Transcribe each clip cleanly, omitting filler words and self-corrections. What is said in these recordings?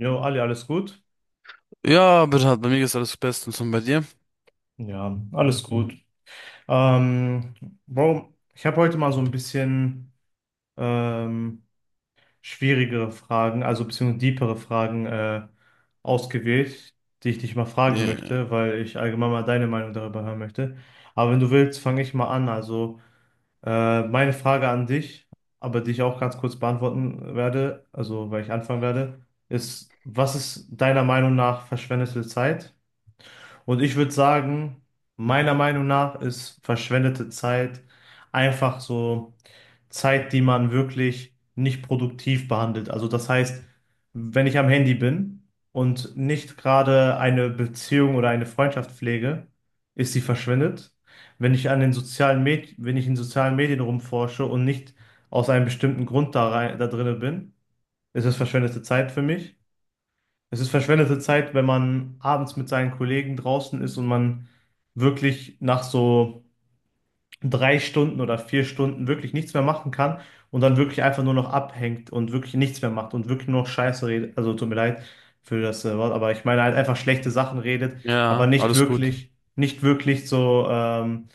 Jo, Ali, alles gut? Ja, bitte, bei mir ist alles bestens und bei dir? Ja, alles gut. Ähm, Bro, ich habe heute mal so ein bisschen ähm, schwierigere Fragen, also beziehungsweise deepere Fragen ausgewählt, die ich dich mal fragen Ja, möchte, weil ich allgemein mal deine Meinung darüber hören möchte. Aber wenn du willst, fange ich mal an. Also meine Frage an dich, aber die ich auch ganz kurz beantworten werde, also weil ich anfangen werde, ist, was ist deiner Meinung nach verschwendete Zeit? Und ich würde sagen, meiner Meinung nach ist verschwendete Zeit einfach so Zeit, die man wirklich nicht produktiv behandelt. Also das heißt, wenn ich am Handy bin und nicht gerade eine Beziehung oder eine Freundschaft pflege, ist sie verschwendet. Wenn ich an den sozialen Med wenn ich in sozialen Medien rumforsche und nicht aus einem bestimmten Grund da drinne bin, ist es verschwendete Zeit für mich. Es ist verschwendete Zeit, wenn man abends mit seinen Kollegen draußen ist und man wirklich nach so 3 Stunden oder 4 Stunden wirklich nichts mehr machen kann und dann wirklich einfach nur noch abhängt und wirklich nichts mehr macht und wirklich nur noch Scheiße redet. Also tut mir leid für das Wort, aber ich meine halt einfach schlechte Sachen redet, aber ja, nicht alles gut. wirklich, nicht wirklich so.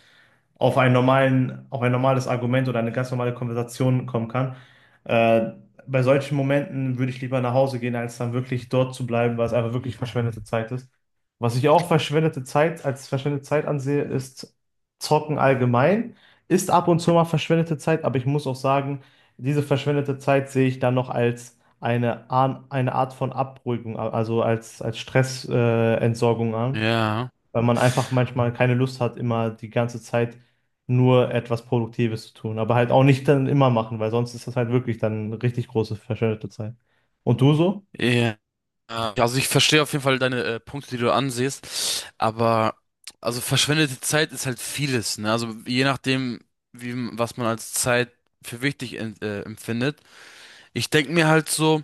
Auf einen normalen, auf ein normales Argument oder eine ganz normale Konversation kommen kann. Äh, bei solchen Momenten würde ich lieber nach Hause gehen, als dann wirklich dort zu bleiben, weil es einfach wirklich verschwendete Zeit ist. Was ich auch verschwendete Zeit als verschwendete Zeit ansehe, ist Zocken allgemein. Ist ab und zu mal verschwendete Zeit, aber ich muss auch sagen, diese verschwendete Zeit sehe ich dann noch als eine Art von Abruhigung, also als Stressentsorgung Entsorgung an, Ja, weil man einfach manchmal keine Lust hat, immer die ganze Zeit nur etwas Produktives zu tun. Aber halt auch nicht dann immer machen, weil sonst ist das halt wirklich dann richtig große verschwendete Zeit. Und du so? ja. Also ich verstehe auf jeden Fall deine Punkte, die du ansiehst, aber also verschwendete Zeit ist halt vieles, ne? Also je nachdem, wie was man als Zeit für wichtig empfindet. Ich denke mir halt so,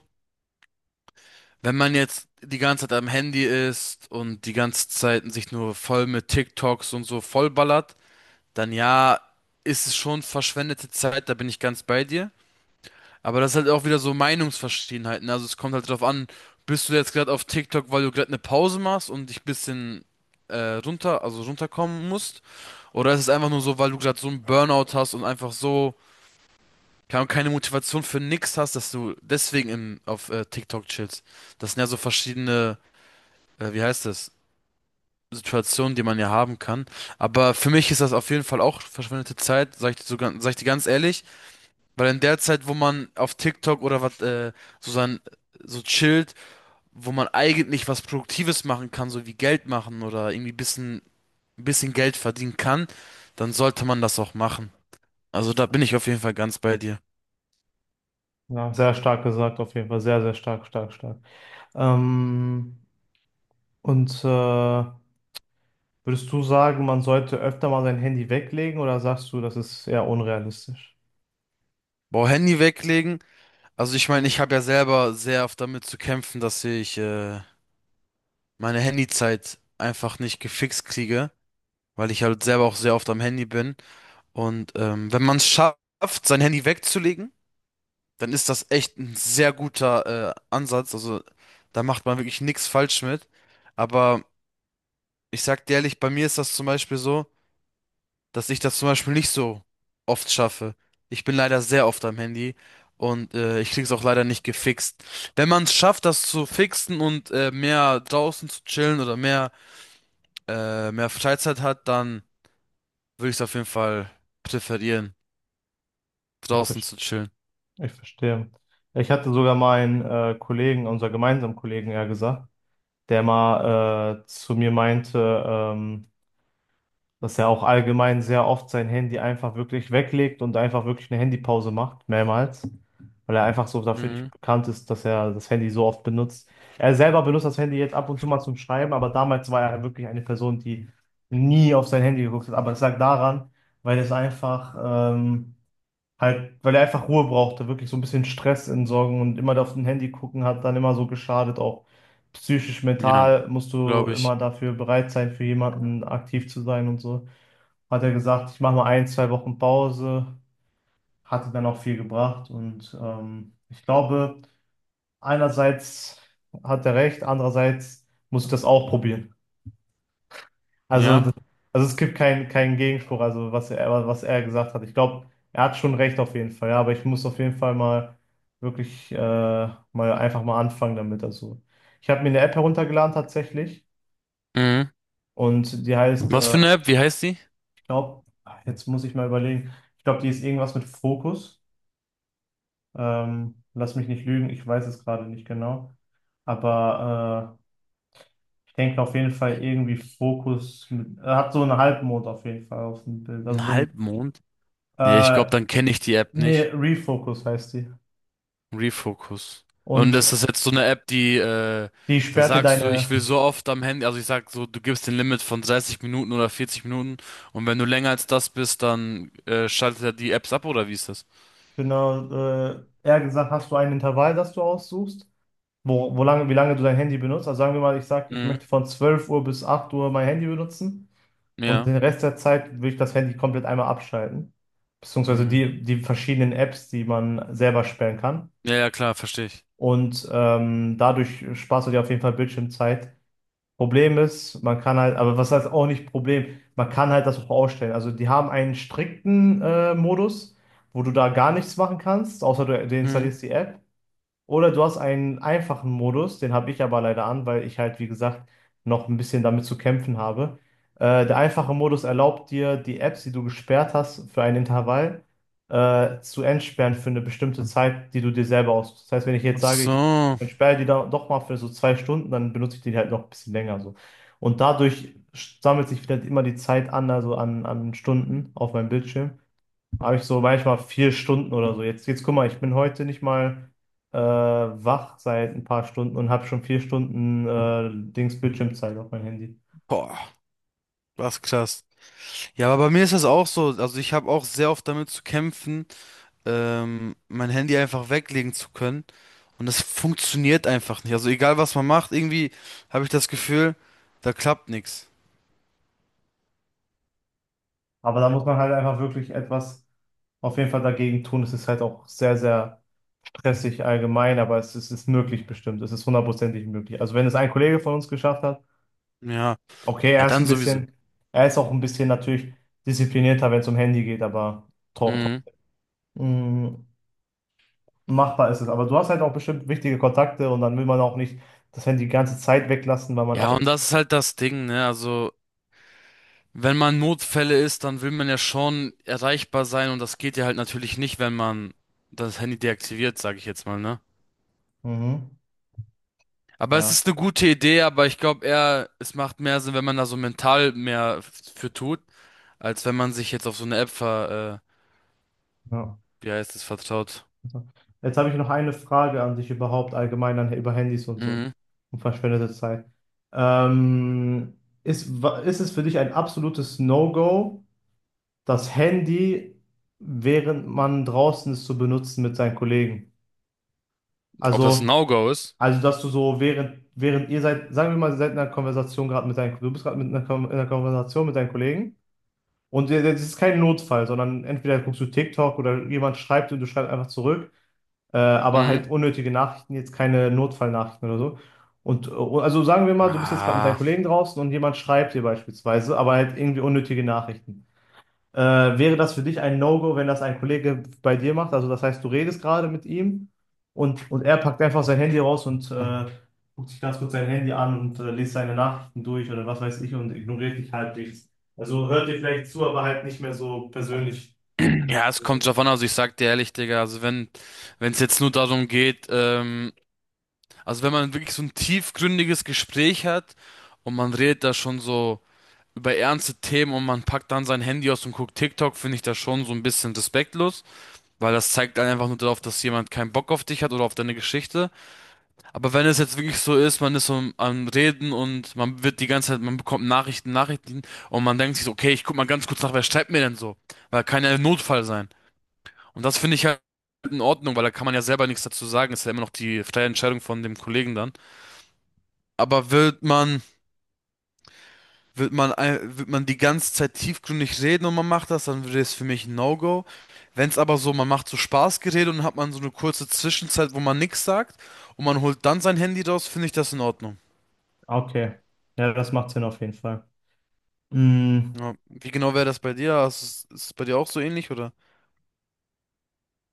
wenn man jetzt die ganze Zeit am Handy ist und die ganze Zeit sich nur voll mit TikToks und so vollballert, dann ja, ist es schon verschwendete Zeit, da bin ich ganz bei dir. Aber das ist halt auch wieder so Meinungsverschiedenheiten, ne? Also es kommt halt drauf an, bist du jetzt gerade auf TikTok, weil du gerade eine Pause machst und dich ein bisschen also runterkommen musst? Oder ist es einfach nur so, weil du gerade so einen Burnout hast und einfach so keine Ahnung, keine Motivation für nix hast, dass du deswegen auf TikTok chillst? Das sind ja so verschiedene, wie heißt das, Situationen, die man ja haben kann. Aber für mich ist das auf jeden Fall auch verschwendete Zeit, sag ich dir so, sag ich dir ganz ehrlich. Weil in der Zeit, wo man auf TikTok oder was, so sein, so chillt, wo man eigentlich was Produktives machen kann, so wie Geld machen oder irgendwie bisschen, bisschen Geld verdienen kann, dann sollte man das auch machen. Also da bin ich auf jeden Fall ganz bei dir. Ja, sehr stark gesagt, auf jeden Fall. Sehr, sehr stark, stark, stark. Ähm, und würdest du sagen, man sollte öfter mal sein Handy weglegen oder sagst du, das ist eher unrealistisch? Boah, Handy weglegen. Also ich meine, ich habe ja selber sehr oft damit zu kämpfen, dass ich meine Handyzeit einfach nicht gefixt kriege, weil ich halt selber auch sehr oft am Handy bin. Und wenn man es schafft, sein Handy wegzulegen, dann ist das echt ein sehr guter Ansatz. Also da macht man wirklich nichts falsch mit. Aber ich sag dir ehrlich, bei mir ist das zum Beispiel so, dass ich das zum Beispiel nicht so oft schaffe. Ich bin leider sehr oft am Handy und ich krieg's auch leider nicht gefixt. Wenn man es schafft, das zu fixen und mehr draußen zu chillen oder mehr Freizeit hat, dann würde ich es auf jeden Fall präferieren, Ich, draußen ver- zu chillen. ich verstehe. Ich hatte sogar meinen Kollegen, unser gemeinsamen Kollegen, ja gesagt, der mal zu mir meinte, ähm, dass er auch allgemein sehr oft sein Handy einfach wirklich weglegt und einfach wirklich eine Handypause macht, mehrmals, weil er einfach so dafür nicht Mhm. bekannt ist, dass er das Handy so oft benutzt. Er selber benutzt das Handy jetzt ab und zu mal zum Schreiben, aber damals war er wirklich eine Person, die nie auf sein Handy geguckt hat. Aber es lag daran, weil es einfach ähm, halt, weil er einfach Ruhe brauchte, wirklich so ein bisschen Stress entsorgen und immer auf dem Handy gucken hat dann immer so geschadet, auch psychisch, Ja, mental musst du glaube immer ich. dafür bereit sein, für jemanden aktiv zu sein und so. Hat er gesagt, ich mache mal 1, 2 Wochen Pause, hatte dann auch viel gebracht und ich glaube, einerseits hat er recht, andererseits muss ich das auch probieren. Also, Ja. das- also es gibt keinen keinen Gegenspruch, also was er gesagt hat. Ich glaube, er hat schon recht auf jeden Fall, ja, aber ich muss auf jeden Fall mal wirklich mal einfach mal anfangen damit. Also, ich habe mir eine App heruntergeladen tatsächlich Mhm. und die heißt, Was für eine App? Wie heißt die? ich glaube, jetzt muss ich mal überlegen, ich glaube, die ist irgendwas mit Fokus. Lass mich nicht lügen, ich weiß es gerade nicht genau. Aber ich denke auf jeden Fall irgendwie Fokus mit, er hat so einen Halbmond auf jeden Fall auf dem Bild. Also so Ein ein Halbmond? Nee, ich glaube, äh, dann kenne ich die App Nee, nicht. Refocus heißt die. Refocus. Und Und ist das jetzt so eine App, die, die da sperrt dir sagst du, ich deine, will so oft am Handy, also ich sag so, du gibst den Limit von 30 Minuten oder 40 Minuten und wenn du länger als das bist, dann schaltet er die Apps ab oder wie ist das? genau, eher gesagt, hast du ein Intervall, das du aussuchst, wie lange du dein Handy benutzt. Also sagen wir mal, ich sage, ich Mhm. möchte von 12 Uhr bis 8 Uhr mein Handy benutzen und Ja. den Rest der Zeit will ich das Handy komplett einmal abschalten. Beziehungsweise Mhm. die, die verschiedenen Apps, die man selber sperren kann. Ja, ja, klar, verstehe ich. Und dadurch sparst du dir auf jeden Fall Bildschirmzeit. Problem ist, man kann halt, aber was heißt auch nicht Problem, man kann halt das auch ausstellen. Also die haben einen strikten Modus, wo du da gar nichts machen kannst, außer du, du Mhm. installierst die App. Oder du hast einen einfachen Modus, den habe ich aber leider an, weil ich halt, wie gesagt, noch ein bisschen damit zu kämpfen habe. Der einfache Modus erlaubt dir, die Apps, die du gesperrt hast, für ein Intervall zu entsperren für eine bestimmte Zeit, die du dir selber aussuchst. Das heißt, wenn ich jetzt Ach sage, ich so. entsperre die da doch mal für so 2 Stunden, dann benutze ich die halt noch ein bisschen länger so. Und dadurch sammelt sich wieder immer die Zeit an, also an Stunden auf meinem Bildschirm habe ich so manchmal 4 Stunden oder so. Jetzt guck mal, ich bin heute nicht mal wach seit ein paar Stunden und habe schon 4 Stunden Dings Bildschirmzeit auf mein Handy. Boah, was krass. Ja, aber bei mir ist das auch so. Also ich habe auch sehr oft damit zu kämpfen. Mein Handy einfach weglegen zu können. Und das funktioniert einfach nicht. Also egal was man macht, irgendwie habe ich das Gefühl, da klappt nichts. Aber da muss man halt einfach wirklich etwas auf jeden Fall dagegen tun. Es ist halt auch sehr, sehr stressig allgemein, aber es ist möglich bestimmt. Es ist hundertprozentig möglich. Also wenn es ein Kollege von uns geschafft hat, Ja, okay, ja, dann sowieso. Er ist auch ein bisschen natürlich disziplinierter, wenn es um Handy geht, aber trotzdem. Mhm. Machbar ist es. Aber du hast halt auch bestimmt wichtige Kontakte und dann will man auch nicht das Handy die ganze Zeit weglassen, weil man auch. Ja, und das ist halt das Ding, ne? Also, wenn man Notfälle ist, dann will man ja schon erreichbar sein und das geht ja halt natürlich nicht, wenn man das Handy deaktiviert, sage ich jetzt mal, ne? Mhm. Aber es Ja. ist eine gute Idee, aber ich glaube eher, es macht mehr Sinn, wenn man da so mental mehr für tut, als wenn man sich jetzt auf so eine App Ja. wie heißt es vertraut? Jetzt habe ich noch eine Frage an dich überhaupt allgemein an, über Handys und so Mhm. und verschwendete Zeit. Ähm, ist es für dich ein absolutes No-Go, das Handy, während man draußen ist, zu benutzen mit seinen Kollegen? Ob das ein Also No-Go ist? Also, dass du so während, während ihr seid, sagen wir mal, ihr seid in einer Konversation gerade du bist gerade in einer Konversation mit deinen Kollegen und ihr- das ist kein Notfall, sondern entweder guckst du TikTok oder jemand schreibt und du schreibst einfach zurück, aber Mhm. halt unnötige Nachrichten, jetzt keine Notfallnachrichten oder so. Und also sagen wir mal, du bist jetzt gerade mit deinen Ah. Kollegen draußen und jemand schreibt dir beispielsweise, aber halt irgendwie unnötige Nachrichten. Wäre das für dich ein No-Go, wenn das ein Kollege bei dir macht? Also das heißt, du redest gerade mit ihm und er packt einfach sein Handy raus und guckt sich ganz kurz sein Handy an und liest seine Nachrichten durch oder was weiß ich und ignoriert dich halbwegs. Also hört dir vielleicht zu, aber halt nicht mehr so persönlich. Ja, es kommt drauf an. Also ich sag dir ehrlich, Digga, also wenn wenn es jetzt nur darum geht, also wenn man wirklich so ein tiefgründiges Gespräch hat und man redet da schon so über ernste Themen und man packt dann sein Handy aus und guckt TikTok, finde ich das schon so ein bisschen respektlos, weil das zeigt dann einfach nur darauf, dass jemand keinen Bock auf dich hat oder auf deine Geschichte. Aber wenn es jetzt wirklich so ist, man ist so am Reden und man wird die ganze Zeit, man bekommt Nachrichten, Nachrichten und man denkt sich so, okay, ich guck mal ganz kurz nach, wer schreibt mir denn so? Weil kann ja ein Notfall sein. Und das finde ich halt in Ordnung, weil da kann man ja selber nichts dazu sagen. Ist ja immer noch die freie Entscheidung von dem Kollegen dann. Aber wird man die ganze Zeit tiefgründig reden und man macht das, dann wäre es für mich ein No-Go. Wenn es aber so, man macht so Spaßgerede und dann hat man so eine kurze Zwischenzeit, wo man nichts sagt und man holt dann sein Handy raus, finde ich das in Ordnung. Okay, ja, das macht Sinn auf jeden Fall. Mm, Ja. Wie genau wäre das bei dir? Hast du's- ist es bei dir auch so ähnlich, oder?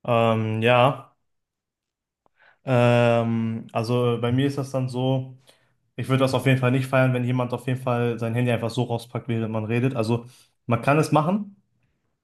ja. Also bei mir ist das dann so, ich würde das auf jeden Fall nicht feiern, wenn jemand auf jeden Fall sein Handy einfach so rauspackt, während man redet. Also man kann es machen,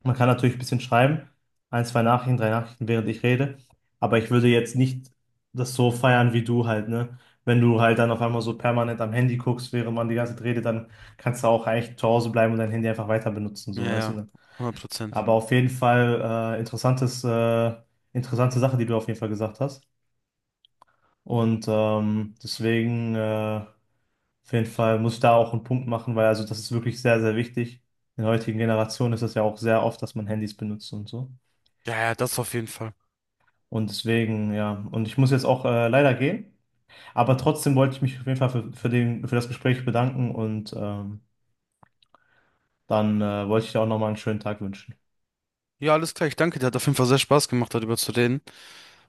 man kann natürlich ein bisschen schreiben, ein, zwei Nachrichten, drei Nachrichten, während ich rede, aber ich würde jetzt nicht das so feiern wie du halt, ne? Wenn du halt dann auf einmal so permanent am Handy guckst, während man die ganze Zeit redet, dann kannst du auch eigentlich zu Hause bleiben und dein Handy einfach weiter benutzen, Ja, so, weißt du, ja, ne? 100%. Aber auf jeden Fall interessantes, interessante Sache, die du auf jeden Fall gesagt hast. Und deswegen, auf jeden Fall muss ich da auch einen Punkt machen, weil also das ist wirklich sehr, sehr wichtig. In der heutigen Generation ist das ja auch sehr oft, dass man Handys benutzt und so. Ja, ja, das auf jeden Fall. Und deswegen, ja, und ich muss jetzt auch leider gehen. Aber trotzdem wollte ich mich auf jeden Fall für den, für das Gespräch bedanken und dann wollte ich dir auch nochmal einen schönen Tag wünschen. Ja, alles klar. Ich danke dir. Hat auf jeden Fall sehr Spaß gemacht, darüber zu reden.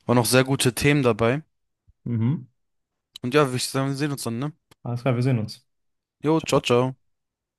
Waren auch sehr gute Themen dabei. Mhm. Und ja, würde ich sagen, wir sehen uns dann, ne? Alles klar, wir sehen uns. Jo, ciao, Ciao. ciao.